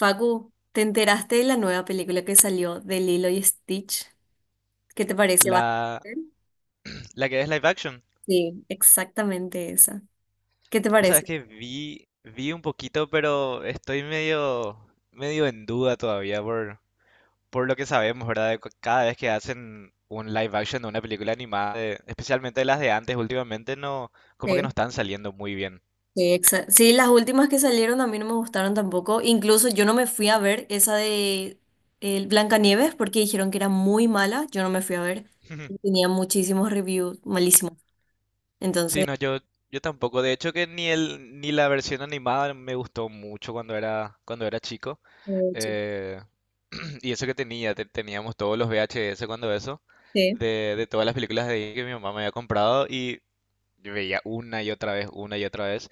Facu, ¿te enteraste de la nueva película que salió de Lilo y Stitch? ¿Qué te parece? ¿Vas a La, ver? la que es live action. Sí, exactamente esa. ¿Qué te O sea, es parece? que vi, vi un poquito, pero estoy medio, medio en duda todavía por lo que sabemos, ¿verdad? Cada vez que hacen un live action de una película animada, de- especialmente las de antes, últimamente no, como que no Sí. están saliendo muy bien. Sí, las últimas que salieron a mí no me gustaron tampoco. Incluso yo no me fui a ver esa de el Blancanieves porque dijeron que era muy mala. Yo no me fui a ver. Y tenía muchísimos reviews malísimos. Sí, Entonces, no, yo tampoco. De hecho que ni el, ni la versión animada me gustó mucho cuando era chico. eh, sí. Eh, y eso que teníamos todos los VHS cuando eso, Sí, de todas las películas de Disney que mi mamá me había comprado y yo veía una y otra vez, una y otra vez.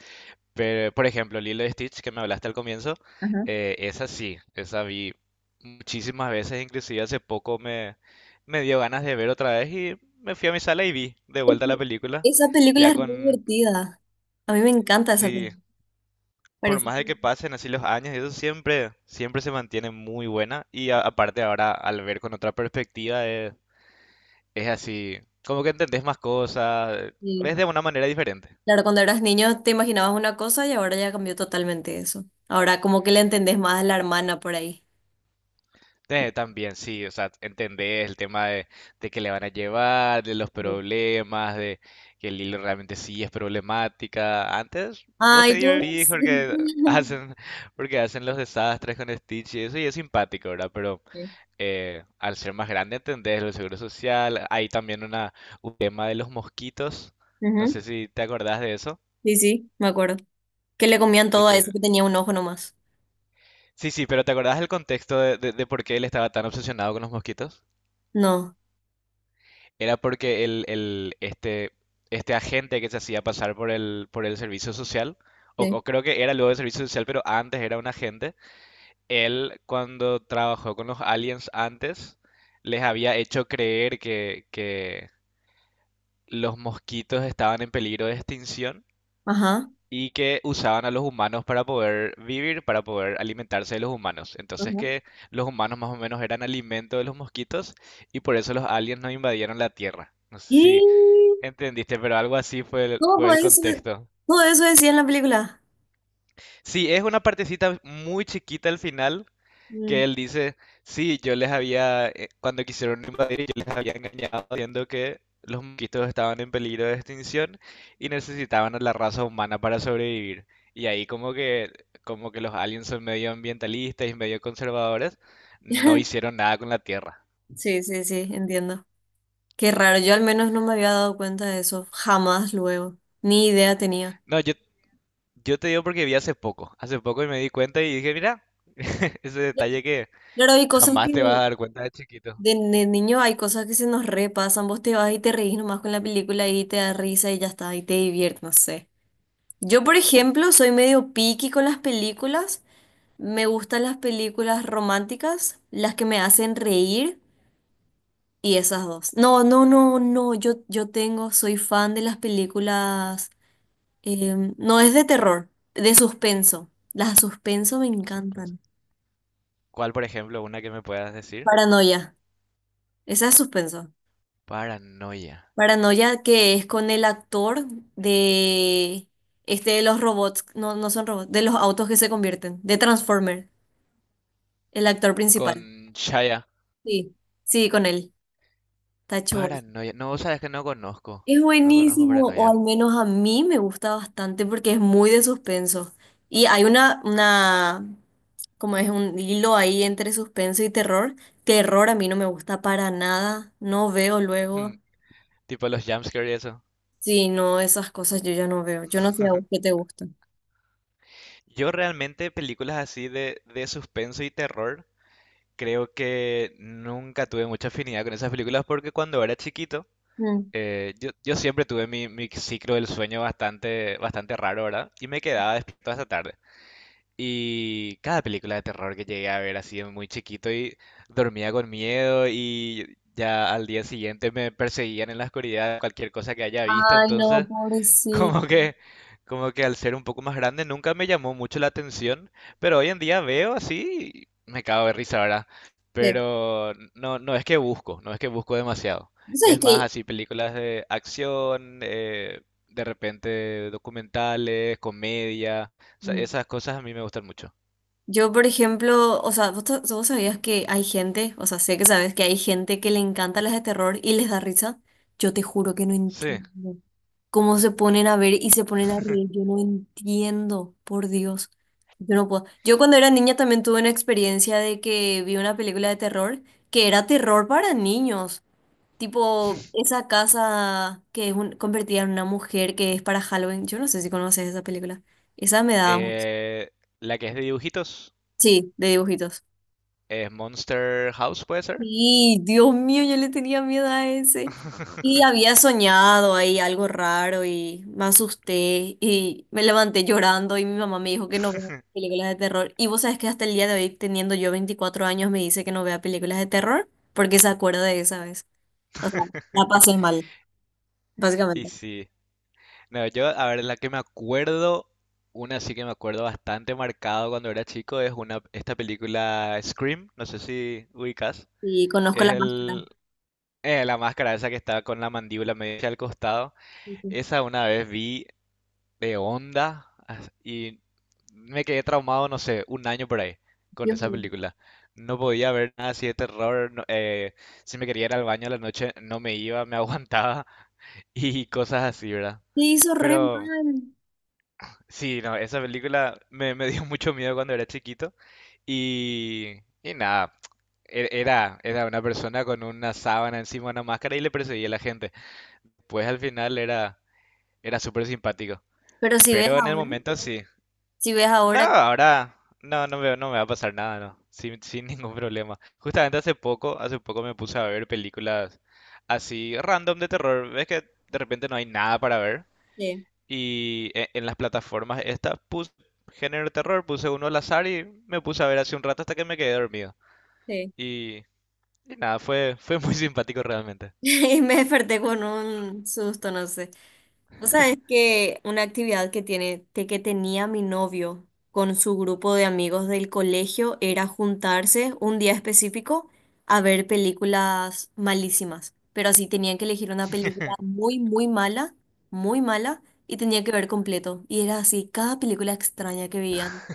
Pero, por ejemplo, Lilo y Stitch, que me hablaste al comienzo, ajá. Esa sí, esa vi muchísimas veces, inclusive me dio ganas de ver otra vez y me fui a mi sala y vi de Es vuelta la que película, Esa película ya es muy con, divertida. A mí me encanta esa sí, película. por Parece más que... de que pasen así los años, eso siempre, siempre se mantiene muy buena. Aparte ahora, al ver con otra perspectiva, es así, como que entendés más cosas, ves sí. de una manera diferente. Claro, cuando eras niño te imaginabas una cosa y ahora ya cambió totalmente eso. Ahora como que le entendés más a la hermana por ahí. También sí, o sea, entendés el tema de que le van a llevar, de los Sí. problemas, de que el hilo realmente sí es problemática. Antes vos te Ay, divertís pobrecita. Hacen, porque hacen los desastres con Stitch y eso, y es simpático, ¿verdad? Pero Sí. Al ser más grande, entendés el seguro social. Hay también una, un tema de los mosquitos. No Ujú. sé si te acordás de eso. Sí, sí, me acuerdo. Que le comían De todo a eso que... que tenía un ojo nomás. Sí, sí, pero ¿te acordás del contexto de por qué él estaba tan obsesionado con los mosquitos? No. Era porque este, este agente que se hacía pasar por el servicio social, Sí. o creo que era luego el servicio social, pero antes era un agente, él cuando trabajó con los aliens antes, les había hecho creer que los mosquitos estaban en peligro de extinción Ajá. y que usaban a los humanos para poder vivir, para poder alimentarse de los humanos. Entonces Ajá. que los humanos más o menos eran alimento de los mosquitos y por eso los aliens no invadieron la Tierra. No sé si Y entendiste, pero algo así fue todo el eso, contexto. todo eso decía en la película. Sí, es una partecita muy chiquita al final, que Mm. él dice, sí, yo les había, cuando quisieron invadir, yo les había engañado diciendo que los mosquitos estaban en peligro de extinción y necesitaban a la raza humana para sobrevivir. Y ahí como que los aliens son medio ambientalistas y medio conservadores, no hicieron nada con la Tierra. Sí, sí, sí, entiendo. Qué raro, yo al menos no me había dado cuenta de eso, jamás luego, ni idea tenía. No, yo te digo porque vi hace poco y me di cuenta y dije, mira, ese detalle que Claro, hay cosas jamás que, te vas a dar cuenta de chiquito. de niño hay cosas que se nos repasan, vos te vas y te reís nomás con la película y te da risa y ya está, y te diviertes, no sé. Yo, por ejemplo, soy medio picky con las películas, me gustan las películas románticas, las que me hacen reír y esas dos. No, no, no, no, yo tengo, soy fan de las películas, no es de terror, de suspenso. Las de suspenso me Suspenso. encantan. ¿Cuál, por ejemplo, una que me puedas decir? Paranoia, esa es suspenso. Paranoia. Paranoia que es con el actor de este de los robots, no, no son robots, de los autos que se convierten, de Transformer, el actor principal. Con Shaya. Sí, sí, con él, Tacho. Bos. Paranoia. No, sabes que no conozco. Es No conozco buenísimo, o Paranoia. al menos a mí me gusta bastante porque es muy de suspenso. Y hay como es un hilo ahí entre suspenso y terror. Terror a mí no me gusta para nada, no veo luego. Tipo los jumpscare y eso. Sí, no, esas cosas yo ya no veo. Yo no sé a vos qué te gusta. Yo realmente películas así de suspenso y terror, creo que nunca tuve mucha afinidad con esas películas porque cuando era chiquito, Mm. Yo siempre tuve mi, mi ciclo del sueño bastante, bastante raro, ¿verdad? Y me quedaba despierto hasta tarde. Y cada película de terror que llegué a ver así de muy chiquito y dormía con miedo y ya al día siguiente me perseguían en la oscuridad cualquier cosa que haya visto, Ay, no, entonces pobrecito. como que, como que al ser un poco más grande nunca me llamó mucho la atención, pero hoy en día veo así y me cago de risa, ¿verdad? Pero no, no es que busco demasiado. ¿Vos sabés Es más que así películas de acción, de repente documentales, comedia, o sea, mm, esas cosas a mí me gustan mucho. yo, por ejemplo, o sea, vos sabías que hay gente, o sea, sé que sabes que hay gente que le encanta las de terror y les da risa? Yo te juro que no Sí. entiendo cómo se ponen a ver y se ponen a reír. Yo no entiendo, por Dios. Yo no puedo. Yo cuando era niña también tuve una experiencia de que vi una película de terror que era terror para niños. Tipo, esa casa convertida en una mujer que es para Halloween. Yo no sé si conoces esa película. Esa me daba mucho. Eh, la que es de dibujitos, Sí, de dibujitos. es Monster House, ¿puede ser? Sí, Dios mío, yo le tenía miedo a ese. Y había soñado ahí algo raro y me asusté y me levanté llorando y mi mamá me dijo que no vea películas de terror. Y vos sabés que hasta el día de hoy, teniendo yo 24 años, me dice que no vea películas de terror porque se acuerda de esa vez. O sea, la pasé mal, Y básicamente. sí. No, yo, a ver, la que me acuerdo, una sí que me acuerdo bastante marcado cuando era chico, es una, esta película Scream, no sé si ubicas, Y conozco es la máscara. el, la máscara esa que está con la mandíbula media al costado, Sí, sí. esa una vez vi de onda as- y me quedé traumado, no sé, un año por ahí con Dios esa mío. película. No podía ver nada así de terror, si me quería ir al baño a la noche no me iba, me aguantaba y cosas así, ¿verdad? Te hizo re Pero... mal. Sí, no, esa película me dio mucho miedo cuando era chiquito y nada, era una persona con una sábana encima, una máscara y le perseguía a la gente. Pues al final era, era súper simpático, Pero si ves pero en el ahora, momento sí. si ves No, ahora, ahora no, no me va a pasar nada, no, sin, sin ningún problema. Justamente hace poco me puse a ver películas así random de terror. Ves que de repente no hay nada para ver sí, y en las plataformas estas puse género de terror, puse uno al azar y me puse a ver hace un rato hasta que me quedé dormido. sí. Y, y nada, fue, fue muy simpático realmente. Y me desperté con un susto, no sé. O sea, es que una actividad que tenía mi novio con su grupo de amigos del colegio era juntarse un día específico a ver películas malísimas. Pero así tenían que elegir una película muy, muy mala, y tenía que ver completo. Y era así, cada película extraña que veían.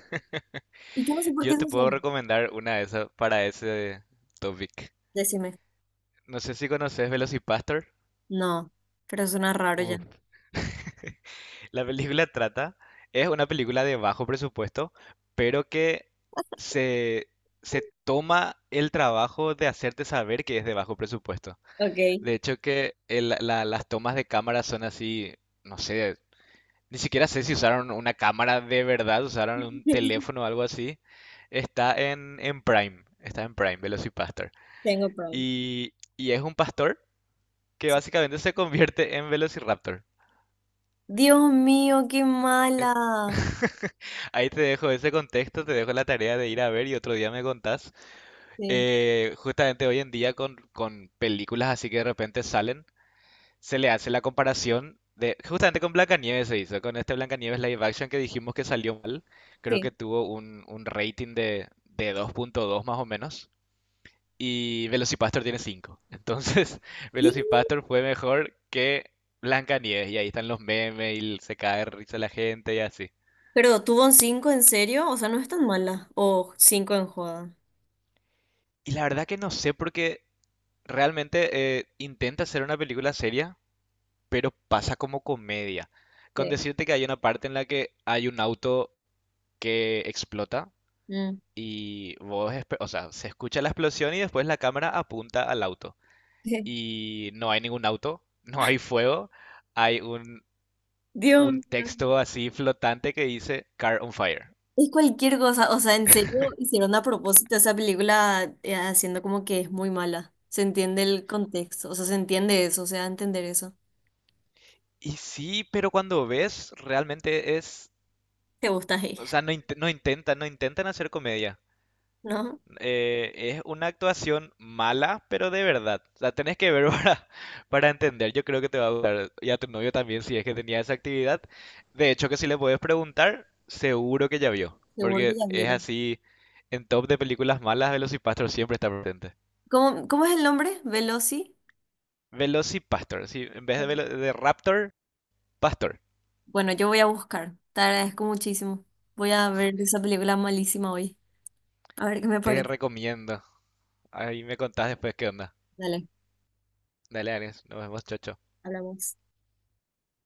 Y yo no sé por Yo qué se te puedo hacían. recomendar una de esas para ese topic. Decime. No sé si conoces Velocipastor. No, pero suena raro ya. Uf, la película trata, es una película de bajo presupuesto, pero que se, se toma el trabajo de hacerte saber que es de bajo presupuesto. Ok, De hecho que las tomas de cámara son así, no sé, ni siquiera sé si usaron una cámara de verdad, usaron un teléfono o algo así. Está en Prime, está en Prime, Velocipastor. tengo prom. Y es un pastor que Sí, básicamente se convierte en Velociraptor. Dios mío, qué mala. Ahí te dejo ese contexto, te dejo la tarea de ir a ver y otro día me contás. Sí, Justamente hoy en día con películas así que de repente salen, se le hace la comparación de, justamente con Blancanieves se hizo, con este Blancanieves live action que dijimos que salió mal, creo que sí, tuvo un rating de 2.2 más o menos, y Velocipastor tiene 5. Entonces, ¿qué? Velocipastor fue mejor que Blancanieves, y ahí están los memes, y se cae de risa la gente y así. Pero tuvo un 5 en serio, o sea, no es tan mala. O cinco en joda. Y la verdad que no sé porque realmente intenta hacer una película seria, pero pasa como comedia. Con Sí. decirte que hay una parte en la que hay un auto que explota. Mm. Y vos, espe- o sea, se escucha la explosión y después la cámara apunta al auto. Y no hay ningún auto, no hay fuego, hay Dios un mío. texto así flotante que dice Car on Fire. Es cualquier cosa, o sea, en serio hicieron a propósito esa película haciendo como que es muy mala. Se entiende el contexto, o sea, se entiende eso, o sea, entender eso. Y sí, pero cuando ves, realmente es, Te gusta ahí, o sea, no, no intentan, no intentan hacer comedia. ¿no? Eh, es una actuación mala, pero de verdad. La tenés que ver para entender. Yo creo que te va a gustar. Y a tu novio también, si es que tenía esa actividad. De hecho, que si le puedes preguntar, seguro que ya vio. Seguro que Porque ya es vieron. así, en top de películas malas, Velocipastor siempre está presente. ¿Cómo, cómo es el nombre? Veloci. Velocipastor, sí, en vez de, velo- de Raptor, Pastor. Bueno, yo voy a buscar. Te agradezco muchísimo. Voy a ver esa película malísima hoy. A ver qué me Te parece. recomiendo. Ahí me contás después qué onda. Dale, Dale, Ares, nos vemos, chocho. hablamos.